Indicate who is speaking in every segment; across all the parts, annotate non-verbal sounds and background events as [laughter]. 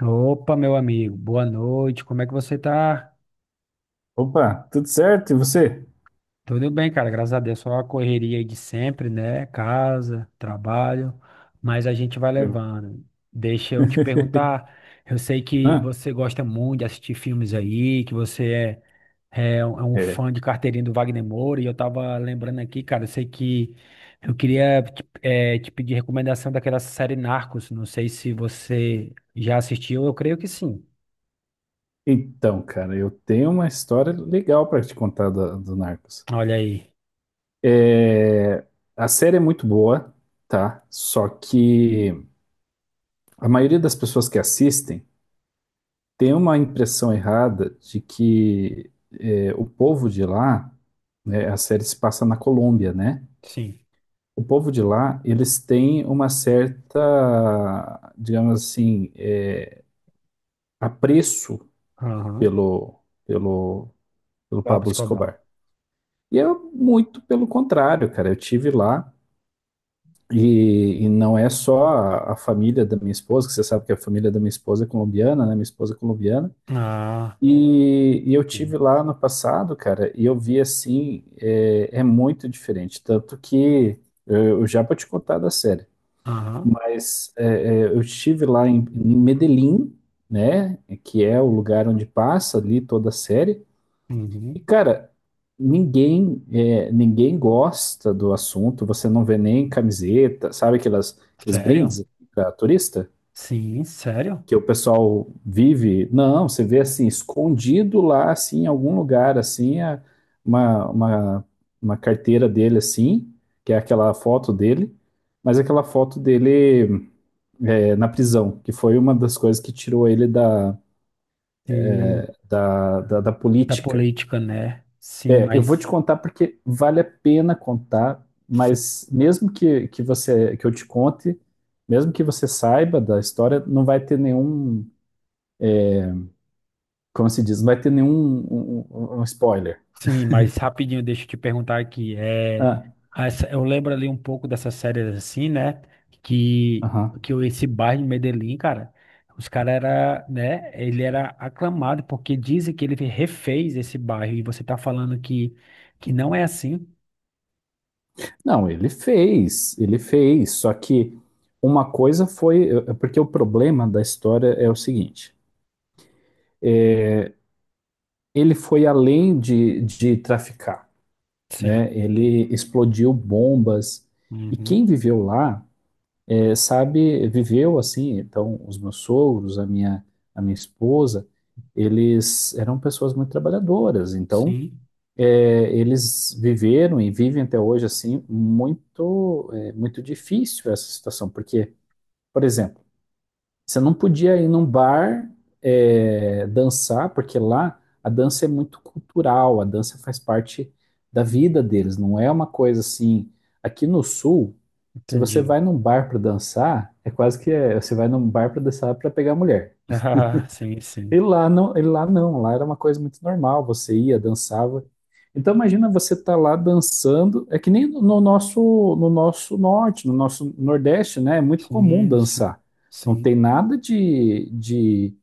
Speaker 1: Opa, meu amigo, boa noite. Como é que você tá?
Speaker 2: Opa, tudo certo? E você?
Speaker 1: Tudo bem, cara, graças a Deus. Só a correria aí de sempre, né? Casa, trabalho, mas a gente vai
Speaker 2: Eu.
Speaker 1: levando. Deixa eu te perguntar.
Speaker 2: [laughs]
Speaker 1: Eu sei que
Speaker 2: Ah,
Speaker 1: você gosta muito de assistir filmes aí, que você é, um
Speaker 2: é.
Speaker 1: fã de carteirinha do Wagner Moura, e eu tava lembrando aqui, cara, eu sei que eu queria te, te pedir recomendação daquela série Narcos. Não sei se você já assistiu, eu creio que sim.
Speaker 2: Então, cara, eu tenho uma história legal para te contar do Narcos.
Speaker 1: Olha aí.
Speaker 2: É, a série é muito boa, tá? Só que a maioria das pessoas que assistem tem uma impressão errada de que o povo de lá, né, a série se passa na Colômbia, né?
Speaker 1: Sim.
Speaker 2: O povo de lá, eles têm uma certa, digamos assim, apreço
Speaker 1: Aham.
Speaker 2: pelo, pelo, pelo
Speaker 1: Pablo
Speaker 2: Pablo
Speaker 1: Escobar.
Speaker 2: Escobar. E eu, muito pelo contrário, cara, eu tive lá e não é só a família da minha esposa, que você sabe que a família da minha esposa é colombiana, né? Minha esposa é colombiana.
Speaker 1: Ah,
Speaker 2: E eu tive
Speaker 1: sim.
Speaker 2: lá no passado, cara, e eu vi assim, é muito diferente. Tanto que eu já vou te contar da série,
Speaker 1: Aham.
Speaker 2: mas eu estive lá em Medellín, né? Que é o lugar onde passa ali toda a série. E,
Speaker 1: Uhum.
Speaker 2: cara, ninguém gosta do assunto, você não vê nem camiseta, sabe aquelas, aqueles
Speaker 1: Sério?
Speaker 2: brindes para turista
Speaker 1: Sim, sério?
Speaker 2: que o pessoal vive? Não, você vê assim, escondido lá, assim, em algum lugar, assim, uma, uma, uma carteira dele, assim, que é aquela foto dele, mas aquela foto dele na prisão, que foi uma das coisas que tirou ele da,
Speaker 1: Sim,
Speaker 2: da
Speaker 1: da
Speaker 2: política.
Speaker 1: política, né?
Speaker 2: Eu vou te contar porque vale a pena contar, mas mesmo que você que eu te conte, mesmo que você saiba da história, não vai ter nenhum, como se diz, não vai ter nenhum um spoiler.
Speaker 1: Sim, mas rapidinho, deixa eu te perguntar aqui. É,
Speaker 2: Ah,
Speaker 1: eu lembro ali um pouco dessas séries assim, né? Que,
Speaker 2: aham.
Speaker 1: que o esse bairro de Medellín, cara, os caras era, né? Ele era aclamado porque dizem que ele refez esse bairro e você tá falando que não é assim.
Speaker 2: Não, ele fez, só que uma coisa foi, porque o problema da história é o seguinte, ele foi além de traficar,
Speaker 1: Sim.
Speaker 2: né? Ele explodiu bombas e quem
Speaker 1: Uhum.
Speaker 2: viveu lá sabe, viveu assim, então os meus sogros, a minha, esposa, eles eram pessoas muito trabalhadoras, então
Speaker 1: Sim.
Speaker 2: eles viveram e vivem até hoje assim muito, muito difícil essa situação, porque, por exemplo, você não podia ir num bar dançar, porque lá a dança é muito cultural, a dança faz parte da vida deles, não é uma coisa assim. Aqui no Sul, se você
Speaker 1: Entendi.
Speaker 2: vai
Speaker 1: [laughs]
Speaker 2: num bar para dançar, é quase que você vai num bar para dançar para pegar mulher.
Speaker 1: Ah, sim, sim.
Speaker 2: E lá não, lá era uma coisa muito normal, você ia, dançava. Então imagina você estar lá dançando, é que nem no nosso norte, no nosso nordeste, né? É muito comum
Speaker 1: Sim, sim,
Speaker 2: dançar. Não tem
Speaker 1: sim,
Speaker 2: nada de, de,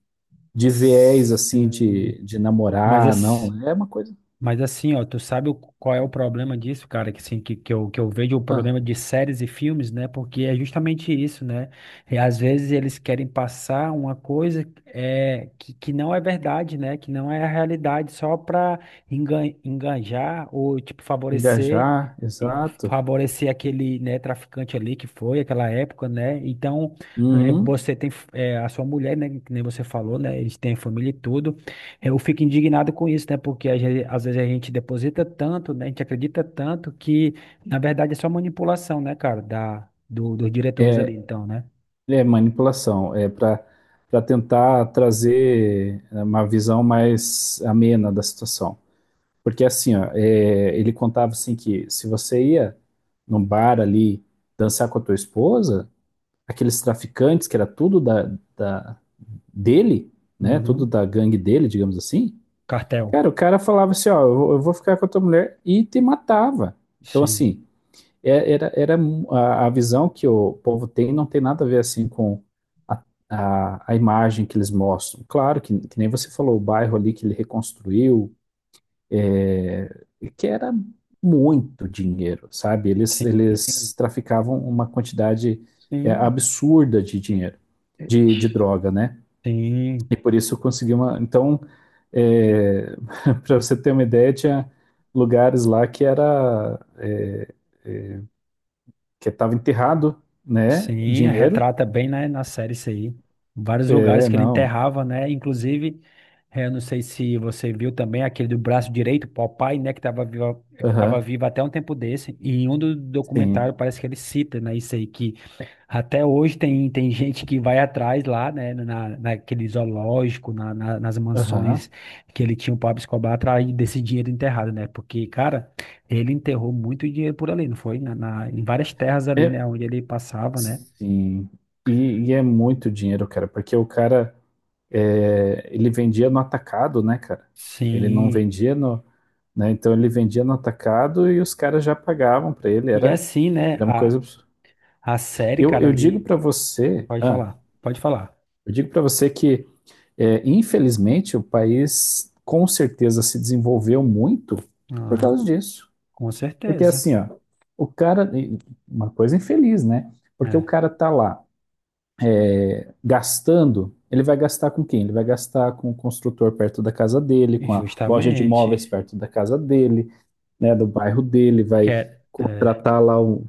Speaker 2: de viés assim de,
Speaker 1: sim.
Speaker 2: de
Speaker 1: Mas,
Speaker 2: namorar, não. É uma coisa
Speaker 1: mas assim, ó, tu sabe qual é o problema disso, cara? Que, assim, eu, que eu vejo o
Speaker 2: ah,
Speaker 1: problema de séries e filmes, né? Porque é justamente isso, né? E às vezes eles querem passar uma coisa é, que não é verdade, né? Que não é a realidade, só pra enganjar ou, tipo, favorecer.
Speaker 2: engajar,
Speaker 1: E
Speaker 2: exato.
Speaker 1: favorecer aquele, né, traficante ali que foi aquela época, né? Então,
Speaker 2: Uhum.
Speaker 1: você tem a sua mulher, né, que nem você falou, né? Eles têm família e tudo. Eu fico indignado com isso, né? Porque às vezes a gente deposita tanto, né? A gente acredita tanto que, na verdade, é só manipulação, né, cara, dos diretores ali,
Speaker 2: É,
Speaker 1: então, né?
Speaker 2: é manipulação, é para tentar trazer uma visão mais amena da situação. Porque assim, ó, ele contava assim que se você ia num bar ali dançar com a tua esposa, aqueles traficantes que era tudo dele, né? Tudo
Speaker 1: Uhum.
Speaker 2: da gangue dele, digamos assim.
Speaker 1: Cartel.
Speaker 2: Cara, o cara falava assim, ó, eu vou ficar com a tua mulher e te matava. Então
Speaker 1: Sim.
Speaker 2: assim, era a visão que o povo tem não tem nada a ver assim com a, a imagem que eles mostram. Claro que nem você falou, o bairro ali que ele reconstruiu, é, que era muito dinheiro, sabe? Eles,
Speaker 1: Sim.
Speaker 2: eles traficavam uma quantidade
Speaker 1: Sim.
Speaker 2: absurda de dinheiro, de droga, né?
Speaker 1: Sim.
Speaker 2: E por isso conseguiu uma. Então, é, [laughs] para você ter uma ideia, tinha lugares lá que era que estava enterrado, né?
Speaker 1: Sim,
Speaker 2: Dinheiro.
Speaker 1: retrata bem, né, na série isso aí. Vários lugares
Speaker 2: É,
Speaker 1: que ele
Speaker 2: não.
Speaker 1: enterrava, né? Inclusive, eu não sei se você viu também aquele do braço direito, Popeye, né, que estava vivo, que tava
Speaker 2: Aham.
Speaker 1: vivo até um tempo desse. E em um do documentário
Speaker 2: Sim.
Speaker 1: parece que ele cita, né, isso aí, que até hoje tem, tem gente que vai atrás lá, né, na, naquele zoológico, na, nas mansões
Speaker 2: Aham.
Speaker 1: que ele tinha o Pablo Escobar atrás desse dinheiro enterrado, né? Porque, cara, ele enterrou muito dinheiro por ali, não foi? Na, em várias terras ali, né,
Speaker 2: É,
Speaker 1: onde ele passava, né?
Speaker 2: sim. E é muito dinheiro, cara, porque o cara ele vendia no atacado, né, cara? Ele não
Speaker 1: Sim.
Speaker 2: vendia no, né? Então ele vendia no atacado e os caras já pagavam para ele.
Speaker 1: E
Speaker 2: Era,
Speaker 1: assim, né?
Speaker 2: era uma coisa absurda.
Speaker 1: A série,
Speaker 2: Eu,
Speaker 1: cara,
Speaker 2: eu digo
Speaker 1: ali.
Speaker 2: para você,
Speaker 1: Pode falar, pode falar.
Speaker 2: que infelizmente o país com certeza se desenvolveu muito por
Speaker 1: Aham,
Speaker 2: causa disso,
Speaker 1: com
Speaker 2: porque
Speaker 1: certeza.
Speaker 2: assim, ó, o cara, uma coisa infeliz, né? Porque o
Speaker 1: É,
Speaker 2: cara tá lá gastando, ele vai gastar com quem? Ele vai gastar com o construtor perto da casa dele,
Speaker 1: e
Speaker 2: com a loja de imóveis
Speaker 1: justamente.
Speaker 2: perto da casa dele, né, do bairro dele, vai
Speaker 1: Quer, é,
Speaker 2: contratar lá o.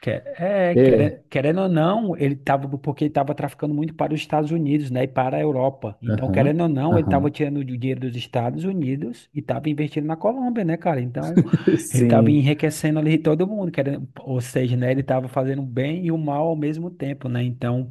Speaker 2: É,
Speaker 1: querendo ou não, ele tava, porque ele tava traficando muito para os Estados Unidos, né? E para a Europa. Então, querendo
Speaker 2: aham,
Speaker 1: ou não, ele tava
Speaker 2: aham,
Speaker 1: tirando o dinheiro dos Estados Unidos e tava investindo na Colômbia, né, cara? Então,
Speaker 2: [laughs]
Speaker 1: ele tava
Speaker 2: sim.
Speaker 1: enriquecendo ali todo mundo, querendo, ou seja, né? Ele tava fazendo o bem e o mal ao mesmo tempo, né? Então.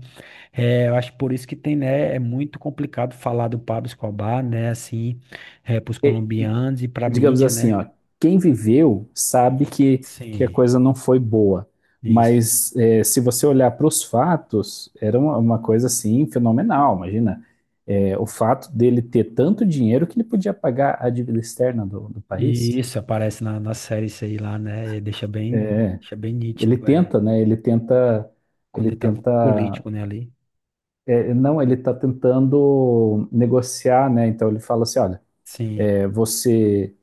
Speaker 1: É, eu acho por isso que tem, né, é muito complicado falar do Pablo Escobar, né, assim, é, para os
Speaker 2: E,
Speaker 1: colombianos e para a
Speaker 2: digamos
Speaker 1: mídia,
Speaker 2: assim,
Speaker 1: né?
Speaker 2: ó, quem viveu sabe que a
Speaker 1: Sim,
Speaker 2: coisa não foi boa,
Speaker 1: isso.
Speaker 2: mas se você olhar para os fatos, era uma coisa assim fenomenal, imagina. O fato dele ter tanto dinheiro que ele podia pagar a dívida externa do
Speaker 1: E
Speaker 2: país.
Speaker 1: isso aparece na, na série isso aí lá, né? E deixa bem
Speaker 2: Ele
Speaker 1: nítido, é,
Speaker 2: tenta, né? Ele tenta,
Speaker 1: quando
Speaker 2: ele
Speaker 1: ele tava
Speaker 2: tenta,
Speaker 1: político, né, ali.
Speaker 2: não, ele está tentando negociar, né? Então ele fala assim, olha,
Speaker 1: Sim.
Speaker 2: você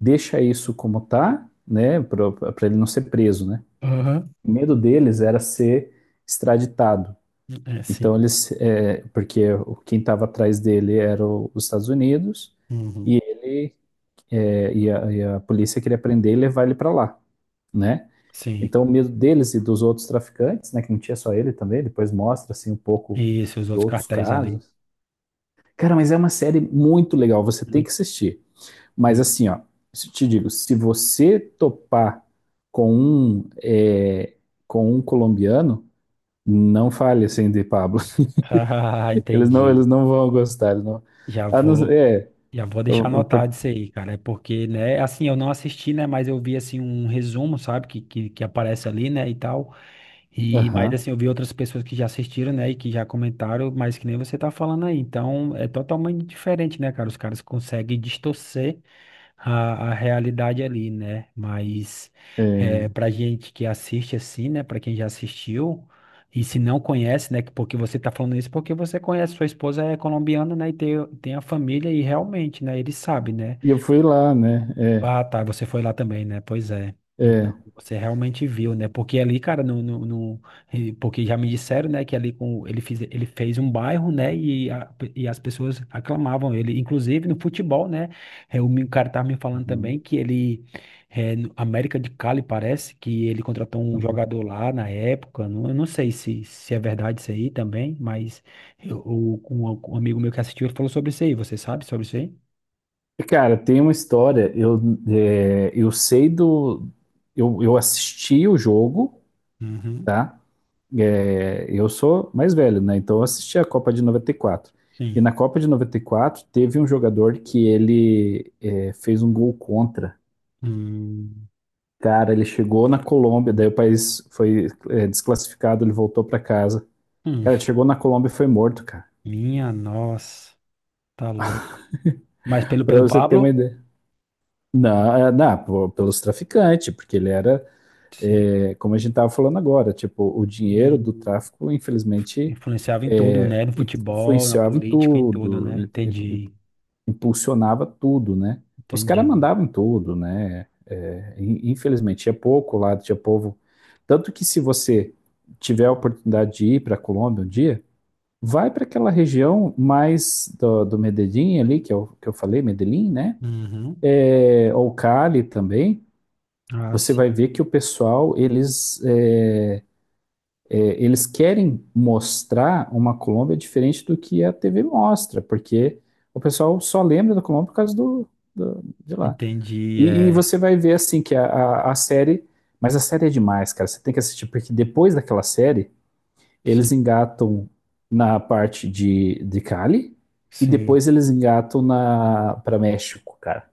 Speaker 2: deixa isso como tá, né? Para ele não ser preso, né?
Speaker 1: Aham.
Speaker 2: O medo deles era ser extraditado.
Speaker 1: É,
Speaker 2: Então
Speaker 1: sim.
Speaker 2: porque quem estava atrás dele era os Estados Unidos e
Speaker 1: Uhum.
Speaker 2: ele e a polícia queria prender e levar ele para lá, né?
Speaker 1: Sim.
Speaker 2: Então, o medo deles e dos outros traficantes, né, que não tinha só ele também, depois mostra assim um pouco
Speaker 1: Isso, os
Speaker 2: de
Speaker 1: outros
Speaker 2: outros
Speaker 1: cartéis ali.
Speaker 2: casos. Cara, mas é uma série muito legal, você tem que
Speaker 1: Muito,
Speaker 2: assistir. Mas
Speaker 1: sim.
Speaker 2: assim, ó, te digo, se você topar com um colombiano, não fale assim de Pablo. [laughs]
Speaker 1: [laughs] Ah,
Speaker 2: Eles
Speaker 1: entendi.
Speaker 2: não vão gostar, eles não.
Speaker 1: Já
Speaker 2: Ah, não,
Speaker 1: vou, já vou deixar
Speaker 2: eu, eu, por-
Speaker 1: anotado isso aí, cara. É porque, né, assim, eu não assisti, né, mas eu vi, assim, um resumo, sabe, que aparece ali, né, e tal. E, mas,
Speaker 2: aham,
Speaker 1: assim, eu vi outras pessoas que já assistiram, né, e que já comentaram, mas que nem você tá falando aí. Então, é totalmente diferente, né, cara? Os caras conseguem distorcer a realidade ali, né? Mas é,
Speaker 2: é.
Speaker 1: para gente que assiste assim, né? Para quem já assistiu e se não conhece, né? Porque você tá falando isso porque você conhece, sua esposa é colombiana, né? E tem, tem a família e realmente, né? Ele sabe, né?
Speaker 2: E eu fui lá, né?
Speaker 1: Ah, tá, você foi lá também, né? Pois é.
Speaker 2: É,
Speaker 1: Então,
Speaker 2: é.
Speaker 1: você realmente viu, né? Porque ali, cara, porque já me disseram, né, que ali com ele fez um bairro, né, e, e as pessoas aclamavam ele, inclusive no futebol, né? É, o cara tava me falando
Speaker 2: Uhum.
Speaker 1: também que ele é, no América de Cali parece que ele contratou um
Speaker 2: Uhum.
Speaker 1: jogador lá na época. Não, eu não sei se, se é verdade isso aí também, mas eu, o- um amigo meu que assistiu ele falou sobre isso aí. Você sabe sobre isso aí?
Speaker 2: Cara, tem uma história. Eu sei do. Eu assisti o jogo,
Speaker 1: Uhum,
Speaker 2: tá? É, eu sou mais velho, né? Então eu assisti a Copa de 94. E
Speaker 1: sim.
Speaker 2: na Copa de 94 teve um jogador que ele fez um gol contra.
Speaker 1: Hum.
Speaker 2: Cara, ele chegou na Colômbia, daí o país foi desclassificado, ele voltou pra casa.
Speaker 1: Hum,
Speaker 2: Cara, ele chegou na Colômbia e foi morto, cara.
Speaker 1: minha nossa, tá louco. Mas pelo,
Speaker 2: Pra
Speaker 1: pelo
Speaker 2: você ter uma
Speaker 1: Pablo?
Speaker 2: ideia. Não, não, pô, pelos traficantes, porque ele era.
Speaker 1: Sim.
Speaker 2: É, como a gente estava falando agora, tipo, o dinheiro do
Speaker 1: Hum,
Speaker 2: tráfico, infelizmente,
Speaker 1: influenciava em tudo, né? No futebol, na
Speaker 2: influenciava em
Speaker 1: política, em tudo,
Speaker 2: tudo,
Speaker 1: né? Entendi,
Speaker 2: impulsionava tudo, né? Os caras
Speaker 1: entendi.
Speaker 2: mandavam em tudo, né? É, infelizmente, tinha pouco lá, tinha povo. Tanto que se você tiver a oportunidade de ir para a Colômbia um dia, vai para aquela região mais do Medellín ali, que eu falei, Medellín, né?
Speaker 1: Uhum.
Speaker 2: É, ou Cali também.
Speaker 1: Ah,
Speaker 2: Você vai
Speaker 1: sim.
Speaker 2: ver que o pessoal, eles querem mostrar uma Colômbia diferente do que a TV mostra, porque o pessoal só lembra da Colômbia por causa de lá.
Speaker 1: Entendi,
Speaker 2: E
Speaker 1: é.
Speaker 2: você vai ver assim que a série, mas a série é demais, cara. Você tem que assistir porque depois daquela série
Speaker 1: Sim,
Speaker 2: eles engatam na parte de Cali e
Speaker 1: sim,
Speaker 2: depois eles engatam na para México, cara.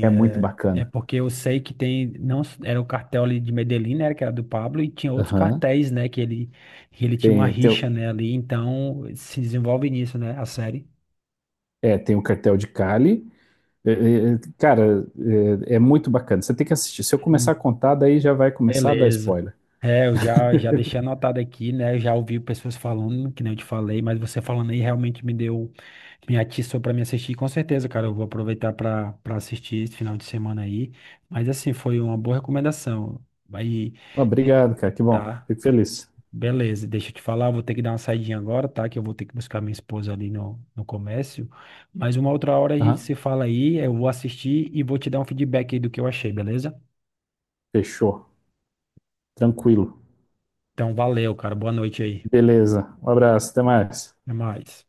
Speaker 2: É muito
Speaker 1: é. É
Speaker 2: bacana.
Speaker 1: porque eu sei que tem, não, era o cartel ali de Medellín, né, que era do Pablo, e tinha outros
Speaker 2: Aham.
Speaker 1: cartéis, né, que ele tinha uma
Speaker 2: Tem, tem,
Speaker 1: rixa,
Speaker 2: o-
Speaker 1: né, ali, então se desenvolve nisso, né, a série.
Speaker 2: tem o cartel de Cali. É, é, é, cara, é muito bacana. Você tem que assistir. Se eu começar
Speaker 1: Sim.
Speaker 2: a contar, daí já vai começar a dar
Speaker 1: Beleza.
Speaker 2: spoiler.
Speaker 1: É, eu já, já deixei anotado aqui, né? Eu já ouvi pessoas falando, que nem eu te falei, mas você falando aí realmente me deu, me atiçou para me assistir. Com certeza, cara, eu vou aproveitar para assistir esse final de semana aí. Mas assim, foi uma boa recomendação. Aí,
Speaker 2: Ah, obrigado, cara. Que bom.
Speaker 1: tá,
Speaker 2: Fico feliz.
Speaker 1: beleza. Deixa eu te falar, eu vou ter que dar uma saidinha agora, tá? Que eu vou ter que buscar minha esposa ali no, no comércio. Mas uma outra hora a gente
Speaker 2: Aham.
Speaker 1: se fala aí, eu vou assistir e vou te dar um feedback aí do que eu achei, beleza?
Speaker 2: Fechou. Tranquilo.
Speaker 1: Então, valeu, cara. Boa noite aí.
Speaker 2: Beleza. Um abraço. Até mais.
Speaker 1: Até mais.